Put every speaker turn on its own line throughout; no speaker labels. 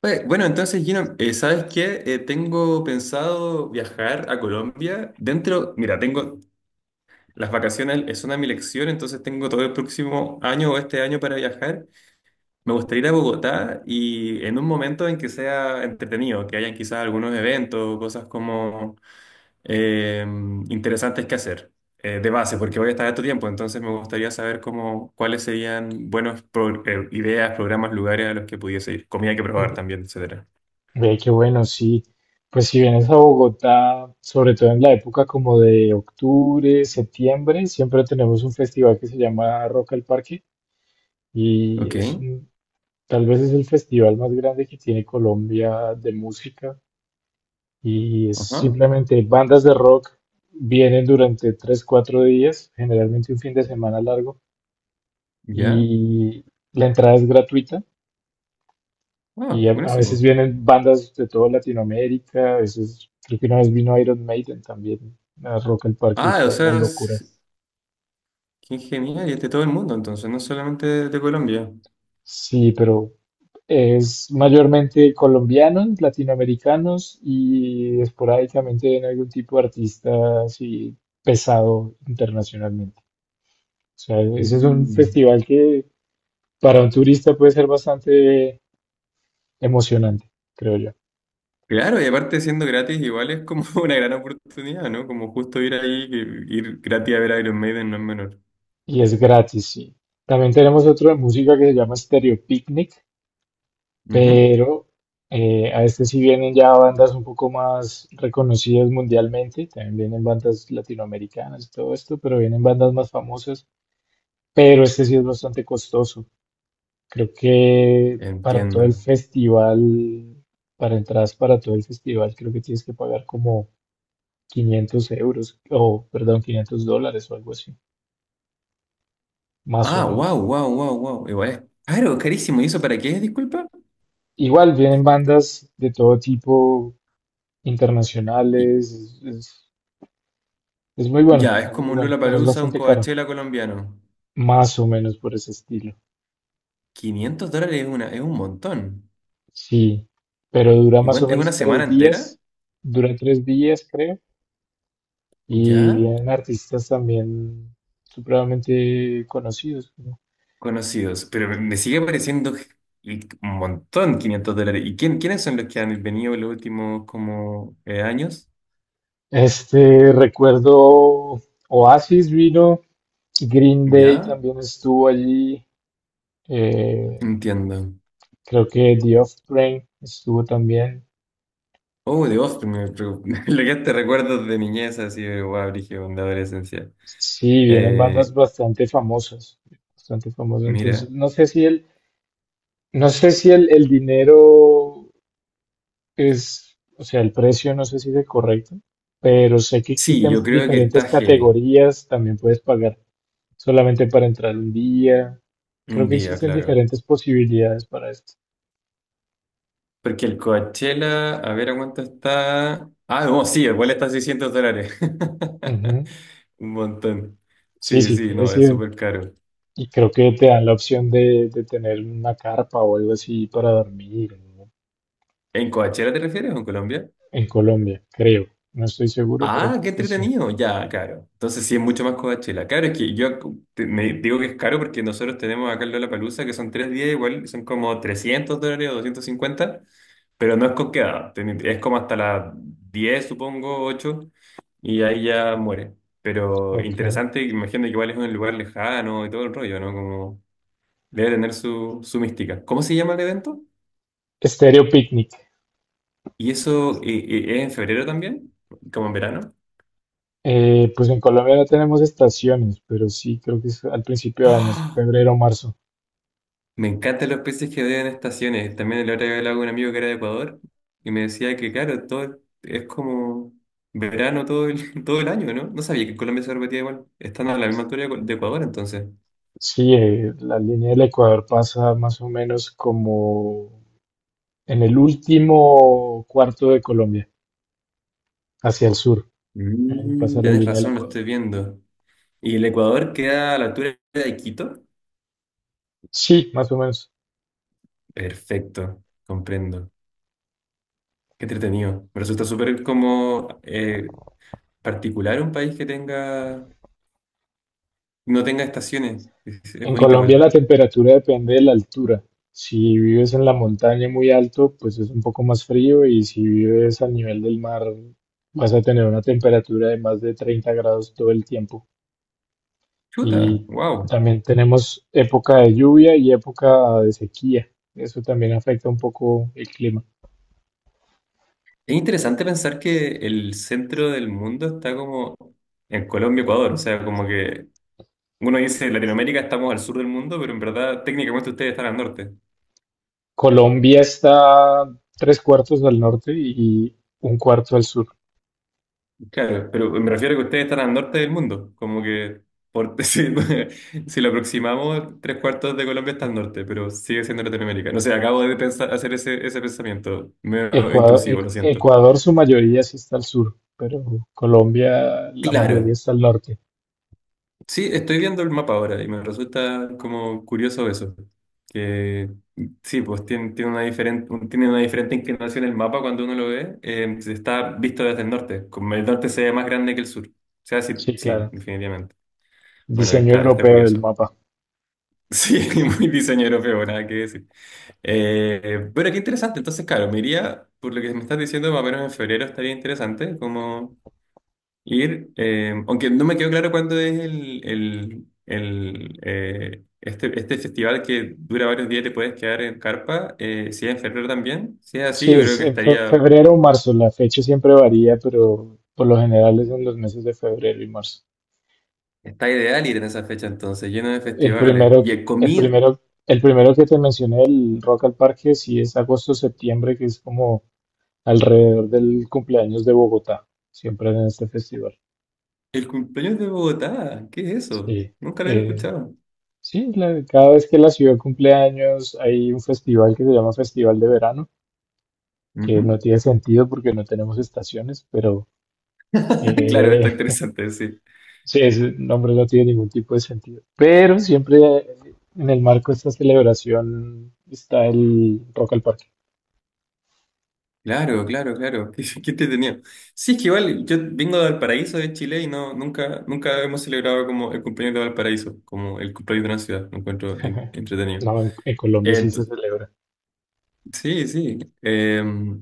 Pues, bueno, entonces, Gino, ¿sabes qué? Tengo pensado viajar a Colombia dentro, mira, tengo las vacaciones, es una mi lección, entonces tengo todo el próximo año o este año para viajar. Me gustaría ir a Bogotá y en un momento en que sea entretenido, que hayan quizás algunos eventos, cosas como eh, interesantes que hacer de base, porque voy a estar harto tiempo, entonces me gustaría saber cómo, cuáles serían buenas ideas, programas, lugares a los que pudiese ir, comida que probar también, etcétera.
Ve que bueno, sí. Pues si vienes a Bogotá, sobre todo en la época como de octubre, septiembre, siempre tenemos un festival que se llama Rock al Parque y
Ok.
tal vez es el festival más grande que tiene Colombia de música y es
Ajá,
simplemente bandas de rock, vienen durante tres, cuatro días, generalmente un fin de semana largo
ya.
y la entrada es gratuita.
Ah,
Y a veces
buenísimo.
vienen bandas de toda Latinoamérica, a veces creo que una vez vino Iron Maiden también a Rock al Parque y
Ah, o
fue la
sea,
locura.
qué genial, y es de todo el mundo, entonces, no solamente de Colombia.
Sí, pero es mayormente colombianos, latinoamericanos y esporádicamente en algún tipo de artista así pesado internacionalmente. O sea, ese es un
Mm.
festival que para un turista puede ser bastante emocionante, creo yo.
Claro, y aparte siendo gratis, igual es como una gran oportunidad, ¿no? Como justo ir ahí, que ir gratis a ver Iron Maiden no es menor.
Y es gratis, sí. También tenemos otro de música que se llama Stereo Picnic,
Ujú.
pero a este sí vienen ya bandas un poco más reconocidas mundialmente, también vienen bandas latinoamericanas y todo esto, pero vienen bandas más famosas, pero este sí es bastante costoso. Creo que para todo el
Entiendo.
festival, para entradas para todo el festival, creo que tienes que pagar como 500 euros, o perdón, 500 dólares o algo así, más o
Ah, wow,
menos.
wow, wow, wow. Igual es caro, carísimo. ¿Y eso para qué es, disculpa?
Igual vienen bandas de todo tipo,
Y-
internacionales, es muy bueno,
ya, es
es muy
como un
bueno, pero es
Lollapalooza, un
bastante caro.
Coachella colombiano.
Más o menos por ese estilo.
Quinientos dólares es un montón.
Sí, pero dura
¿Y
más o
es una
menos
semana
tres
entera?
días. Dura tres días, creo. Y
¿Ya?
vienen artistas también supremamente conocidos, ¿no?
Conocidos, pero me sigue pareciendo y un montón 500 dólares. ¿Y quiénes son los que han venido en los últimos como años?
Este, recuerdo Oasis vino, Green Day
Ya,
también estuvo allí. eh,
entiendo.
Creo que The Offspring estuvo también.
Oh, de Austin, me lo que te recuerdos de niñez, así de guau, brígido, de adolescencia.
Sí, vienen bandas
Eh,
bastante famosas, bastante famosas. Entonces,
Mira,
no sé si el dinero es, o sea, el precio no sé si es el correcto, pero sé que
sí,
existen
yo creo que
diferentes
está heavy
categorías, también puedes pagar solamente para entrar un día. Creo
un
que
día,
existen
claro.
diferentes posibilidades para esto.
Porque el Coachella, a ver a cuánto está. Ah, no, sí, igual está a $600.
Ujú.
Un montón.
Sí,
Sí,
sí,
sí, no,
quieres
es
ir
súper caro.
y creo que te dan la opción de tener una carpa o algo así para dormir, ¿no?
¿En Coachella te refieres o en Colombia?
En Colombia, creo. No estoy seguro, pero
Ah, qué
creo que sí.
entretenido. Ya, claro. Entonces sí es mucho más Coachella. Claro, es que yo me digo que es caro porque nosotros tenemos acá en Lollapalooza que son tres días, igual son como 300 dólares o 250, pero no es con quedada. Es como hasta las 10, supongo, 8, y ahí ya muere. Pero
Ok.
interesante, imagino que igual es un lugar lejano y todo el rollo, ¿no? Como debe tener su mística. ¿Cómo se llama el evento?
Estéreo Picnic.
¿Y eso es en febrero también? ¿Como en verano?
Pues en Colombia no tenemos estaciones, pero sí creo que es al principio de año,
¡Ah!
febrero o marzo.
Me encantan los peces que odian estaciones. También el otro día hablaba con un amigo que era de Ecuador y me decía que, claro, todo es como verano todo el, todo el año, ¿no? No sabía que en Colombia se repetía igual. Están a la misma altura de Ecuador, entonces.
Sí, la línea del Ecuador pasa más o menos como en el último cuarto de Colombia, hacia el sur,
Mm,
pasa la
tenés
línea del
razón, lo
Ecuador.
estoy viendo. ¿Y el Ecuador queda a la altura de Quito?
Sí, más o menos.
Perfecto, comprendo. Qué entretenido. Me resulta súper como particular un país que no tenga estaciones. Es
En
bonito
Colombia
igual.
la temperatura depende de la altura. Si vives en la montaña muy alto, pues es un poco más frío y si vives al nivel del mar, vas a tener una temperatura de más de 30 grados todo el tiempo.
Chuta,
Y
wow.
también tenemos época de lluvia y época de sequía. Eso también afecta un poco el clima.
Es interesante pensar que el centro del mundo está como en Colombia, Ecuador. O sea, como que uno dice Latinoamérica estamos al sur del mundo, pero en verdad técnicamente ustedes están al norte.
Colombia está tres cuartos al norte y un cuarto al sur.
Claro, pero me refiero a que ustedes están al norte del mundo. Como que por, si lo aproximamos, tres cuartos de Colombia está al norte, pero sigue siendo Latinoamérica. No sé, acabo de pensar, hacer ese pensamiento medio
Ecuador,
intrusivo, lo siento.
Ecuador, su mayoría sí está al sur, pero Colombia la
Claro,
mayoría está al norte.
sí, estoy viendo el mapa ahora y me resulta como curioso eso. Que sí, pues tiene una diferente inclinación el mapa cuando uno lo ve. Si está visto desde el norte. Como el norte se ve más grande que el sur. O sea, sí,
Sí,
sí,
claro.
definitivamente. Bueno,
Diseño
está
europeo del
curioso.
mapa.
Sí, muy diseño europeo, nada que decir. Bueno, qué interesante. Entonces, claro, me iría, por lo que me estás diciendo, más o menos en febrero estaría interesante, como ir, aunque no me quedó claro cuándo es este festival que dura varios días, te puedes quedar en carpa, si es en febrero también. Si es así,
Sí,
yo creo
es
que
en febrero o marzo. La fecha siempre varía, pero por lo general es en los meses de febrero y marzo.
está ideal ir en esa fecha entonces, lleno de
El
festivales.
primero
Y
que,
el
el
comida.
primero, el primero que te mencioné, el Rock al Parque, sí es agosto-septiembre, que es como alrededor del cumpleaños de Bogotá, siempre en este festival.
El cumpleaños de Bogotá, ¿qué es eso?
Sí,
Nunca lo había
eh,
escuchado.
cada vez que la ciudad cumple años hay un festival que se llama Festival de Verano, que no
Ujú.
tiene sentido porque no tenemos estaciones, pero
Claro, está
eh,
interesante, sí.
sí, ese nombre no tiene ningún tipo de sentido. Pero siempre en el marco de esta celebración está el Rock al Parque.
Claro, claro, claro. Qué entretenido. Sí, es que igual yo vengo de Valparaíso, de Chile, y no, nunca, nunca hemos celebrado como el cumpleaños de Valparaíso, como el cumpleaños de una ciudad. Lo encuentro entretenido.
No, en Colombia sí
Eh,
se celebra.
sí, sí.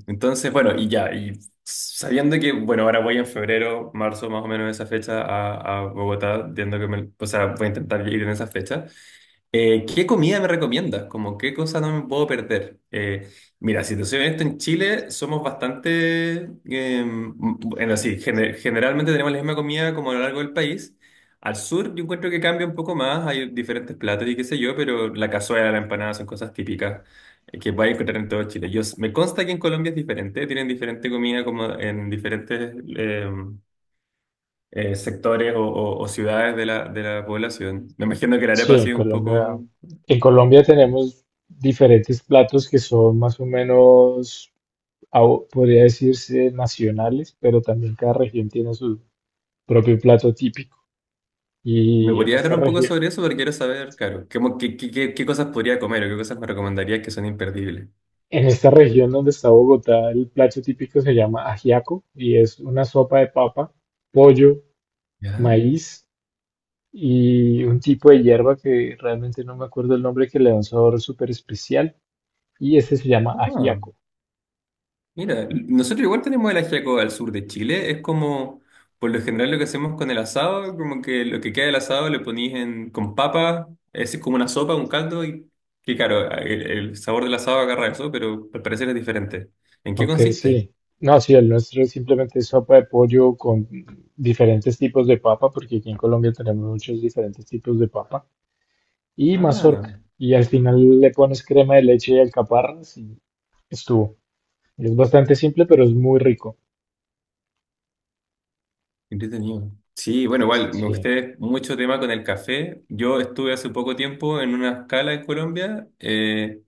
Entonces, bueno, y ya, y sabiendo que, bueno, ahora voy en febrero, marzo, más o menos esa fecha a, Bogotá, viendo que me, o sea, voy a intentar ir en esa fecha. ¿Qué comida me recomiendas? Como, ¿qué cosa no me puedo perder? Mira, si te soy honesto, en Chile somos bastante, eh, m- bueno, sí, generalmente tenemos la misma comida como a lo largo del país. Al sur yo encuentro que cambia un poco más, hay diferentes platos y qué sé yo, pero la cazuela, la empanada son cosas típicas que puedes encontrar en todo Chile. Yo, me consta que en Colombia es diferente, tienen diferente comida como en diferentes sectores o ciudades de la población. Me imagino que la
Sí,
arepa ha
en
sido un
Colombia,
poco.
en Colombia tenemos diferentes platos que son más o menos, podría decirse, nacionales, pero también cada región tiene su propio plato típico.
¿Me
Y en
podría
esta
hablar un poco
región,
sobre eso? Porque quiero saber, claro, qué, mo- qué, qué, qué- qué cosas podría comer o qué cosas me recomendarías que son imperdibles.
en esta región donde está Bogotá, el plato típico se llama ajiaco y es una sopa de papa, pollo,
¿Ya?
maíz y un tipo de hierba que realmente no me acuerdo el nombre que le da un sabor súper especial y este se llama
Ah,
ajiaco.
mira, nosotros igual tenemos el ajiaco al sur de Chile. Es como, por lo general, lo que hacemos con el asado, como que lo que queda del asado lo ponís con papa, es como una sopa, un caldo, y que claro, el sabor del asado agarra eso, pero al parecer es diferente. ¿En qué
Ok,
consiste?
sí. No, sí, el nuestro simplemente es simplemente sopa de pollo con diferentes tipos de papa, porque aquí en Colombia tenemos muchos diferentes tipos de papa, y mazorca.
Ah.
Y al final le pones crema de leche y alcaparras y estuvo. Es bastante simple, pero es muy rico.
Entretenido. Sí, bueno, igual, me
Sí.
gusté mucho tema con el café. Yo estuve hace poco tiempo en una escala en Colombia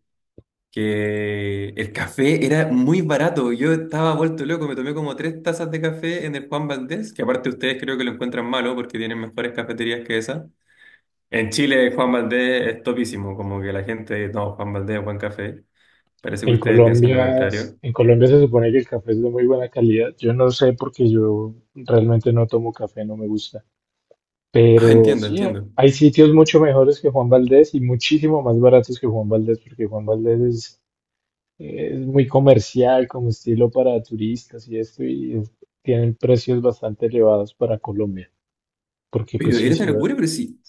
que el café era muy barato. Yo estaba vuelto loco, me tomé como tres tazas de café en el Juan Valdés, que aparte ustedes creo que lo encuentran malo porque tienen mejores cafeterías que esa. En Chile, Juan Valdés es topísimo, como que la gente, no, Juan Valdés es buen café. Parece que
En
ustedes piensan lo
Colombia,
contrario.
en Colombia se supone que el café es de muy buena calidad. Yo no sé porque yo realmente no tomo café, no me gusta.
Ah,
Pero
entiendo,
sí,
entiendo.
hay sitios mucho mejores que Juan Valdez y muchísimo más baratos que Juan Valdez, porque Juan Valdez es muy comercial como estilo para turistas y esto, y tienen precios bastante elevados para Colombia. Porque pues
Pero
sí,
era una
sí,
locura, pero sí.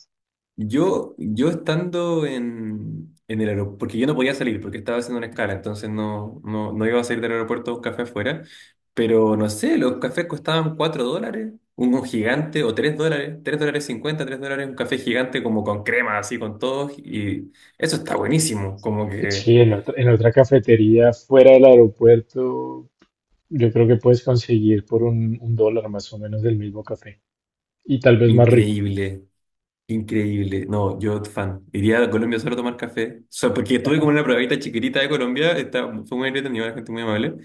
Yo estando en el aeropuerto, porque yo no podía salir, porque estaba haciendo una escala, entonces no, no, no iba a salir del aeropuerto a un café afuera, pero no sé, los cafés costaban 4 dólares, uno gigante, o 3 dólares 50 3 dólares, un café gigante como con crema, así con todo, y eso está buenísimo, como que
sí, en otra cafetería fuera del aeropuerto, yo creo que puedes conseguir por un dólar más o menos del mismo café y tal vez más rico.
increíble. Increíble. No, yo fan. Iría a Colombia solo a tomar café. O sea, porque estuve como en una probadita chiquitita de Colombia. Fue muy entretenido, la gente muy amable.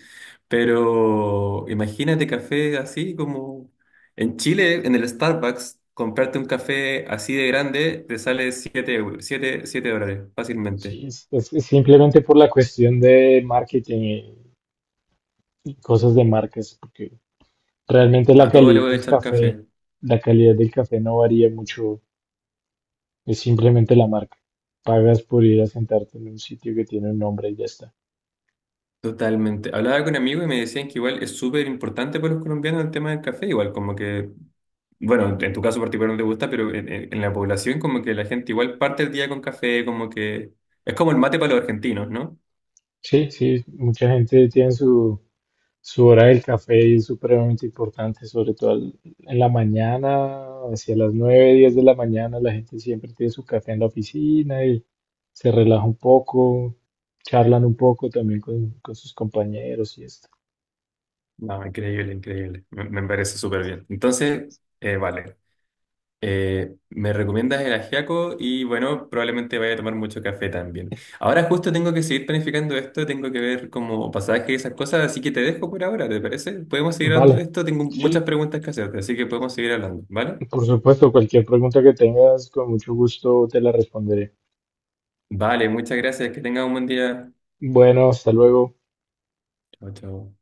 Pero imagínate café así como en Chile, en el Starbucks, comprarte un café así de grande te sale 7 euros, siete dólares fácilmente.
Sí, es simplemente por la cuestión de marketing y cosas de marcas, porque realmente
A todo le voy a echar café.
la calidad del café no varía mucho, es simplemente la marca. Pagas por ir a sentarte en un sitio que tiene un nombre y ya está.
Totalmente. Hablaba con amigos y me decían que igual es súper importante para los colombianos el tema del café, igual como que bueno, en tu caso particular no te gusta, pero en la población como que la gente igual parte el día con café, como que es como el mate para los argentinos, ¿no?
Sí, sí, mucha gente tiene su hora del café y es supremamente importante, sobre todo en la mañana, hacia las 9, 10 de la mañana, la gente siempre tiene su café en la oficina y se relaja un poco, charlan un poco también con sus compañeros y esto.
No, increíble, increíble. Me parece súper bien. Entonces, vale. Me recomiendas el ajiaco y bueno, probablemente vaya a tomar mucho café también. Ahora justo tengo que seguir planificando esto, tengo que ver como pasajes y esas cosas, así que te dejo por ahora, ¿te parece? Podemos seguir hablando de
Vale.
esto, tengo muchas
Sí,
preguntas que hacerte, así que podemos seguir hablando, ¿vale?
por supuesto, cualquier pregunta que tengas, con mucho gusto te la responderé.
Vale, muchas gracias, que tengas un buen día.
Bueno, hasta luego.
Chao, chao.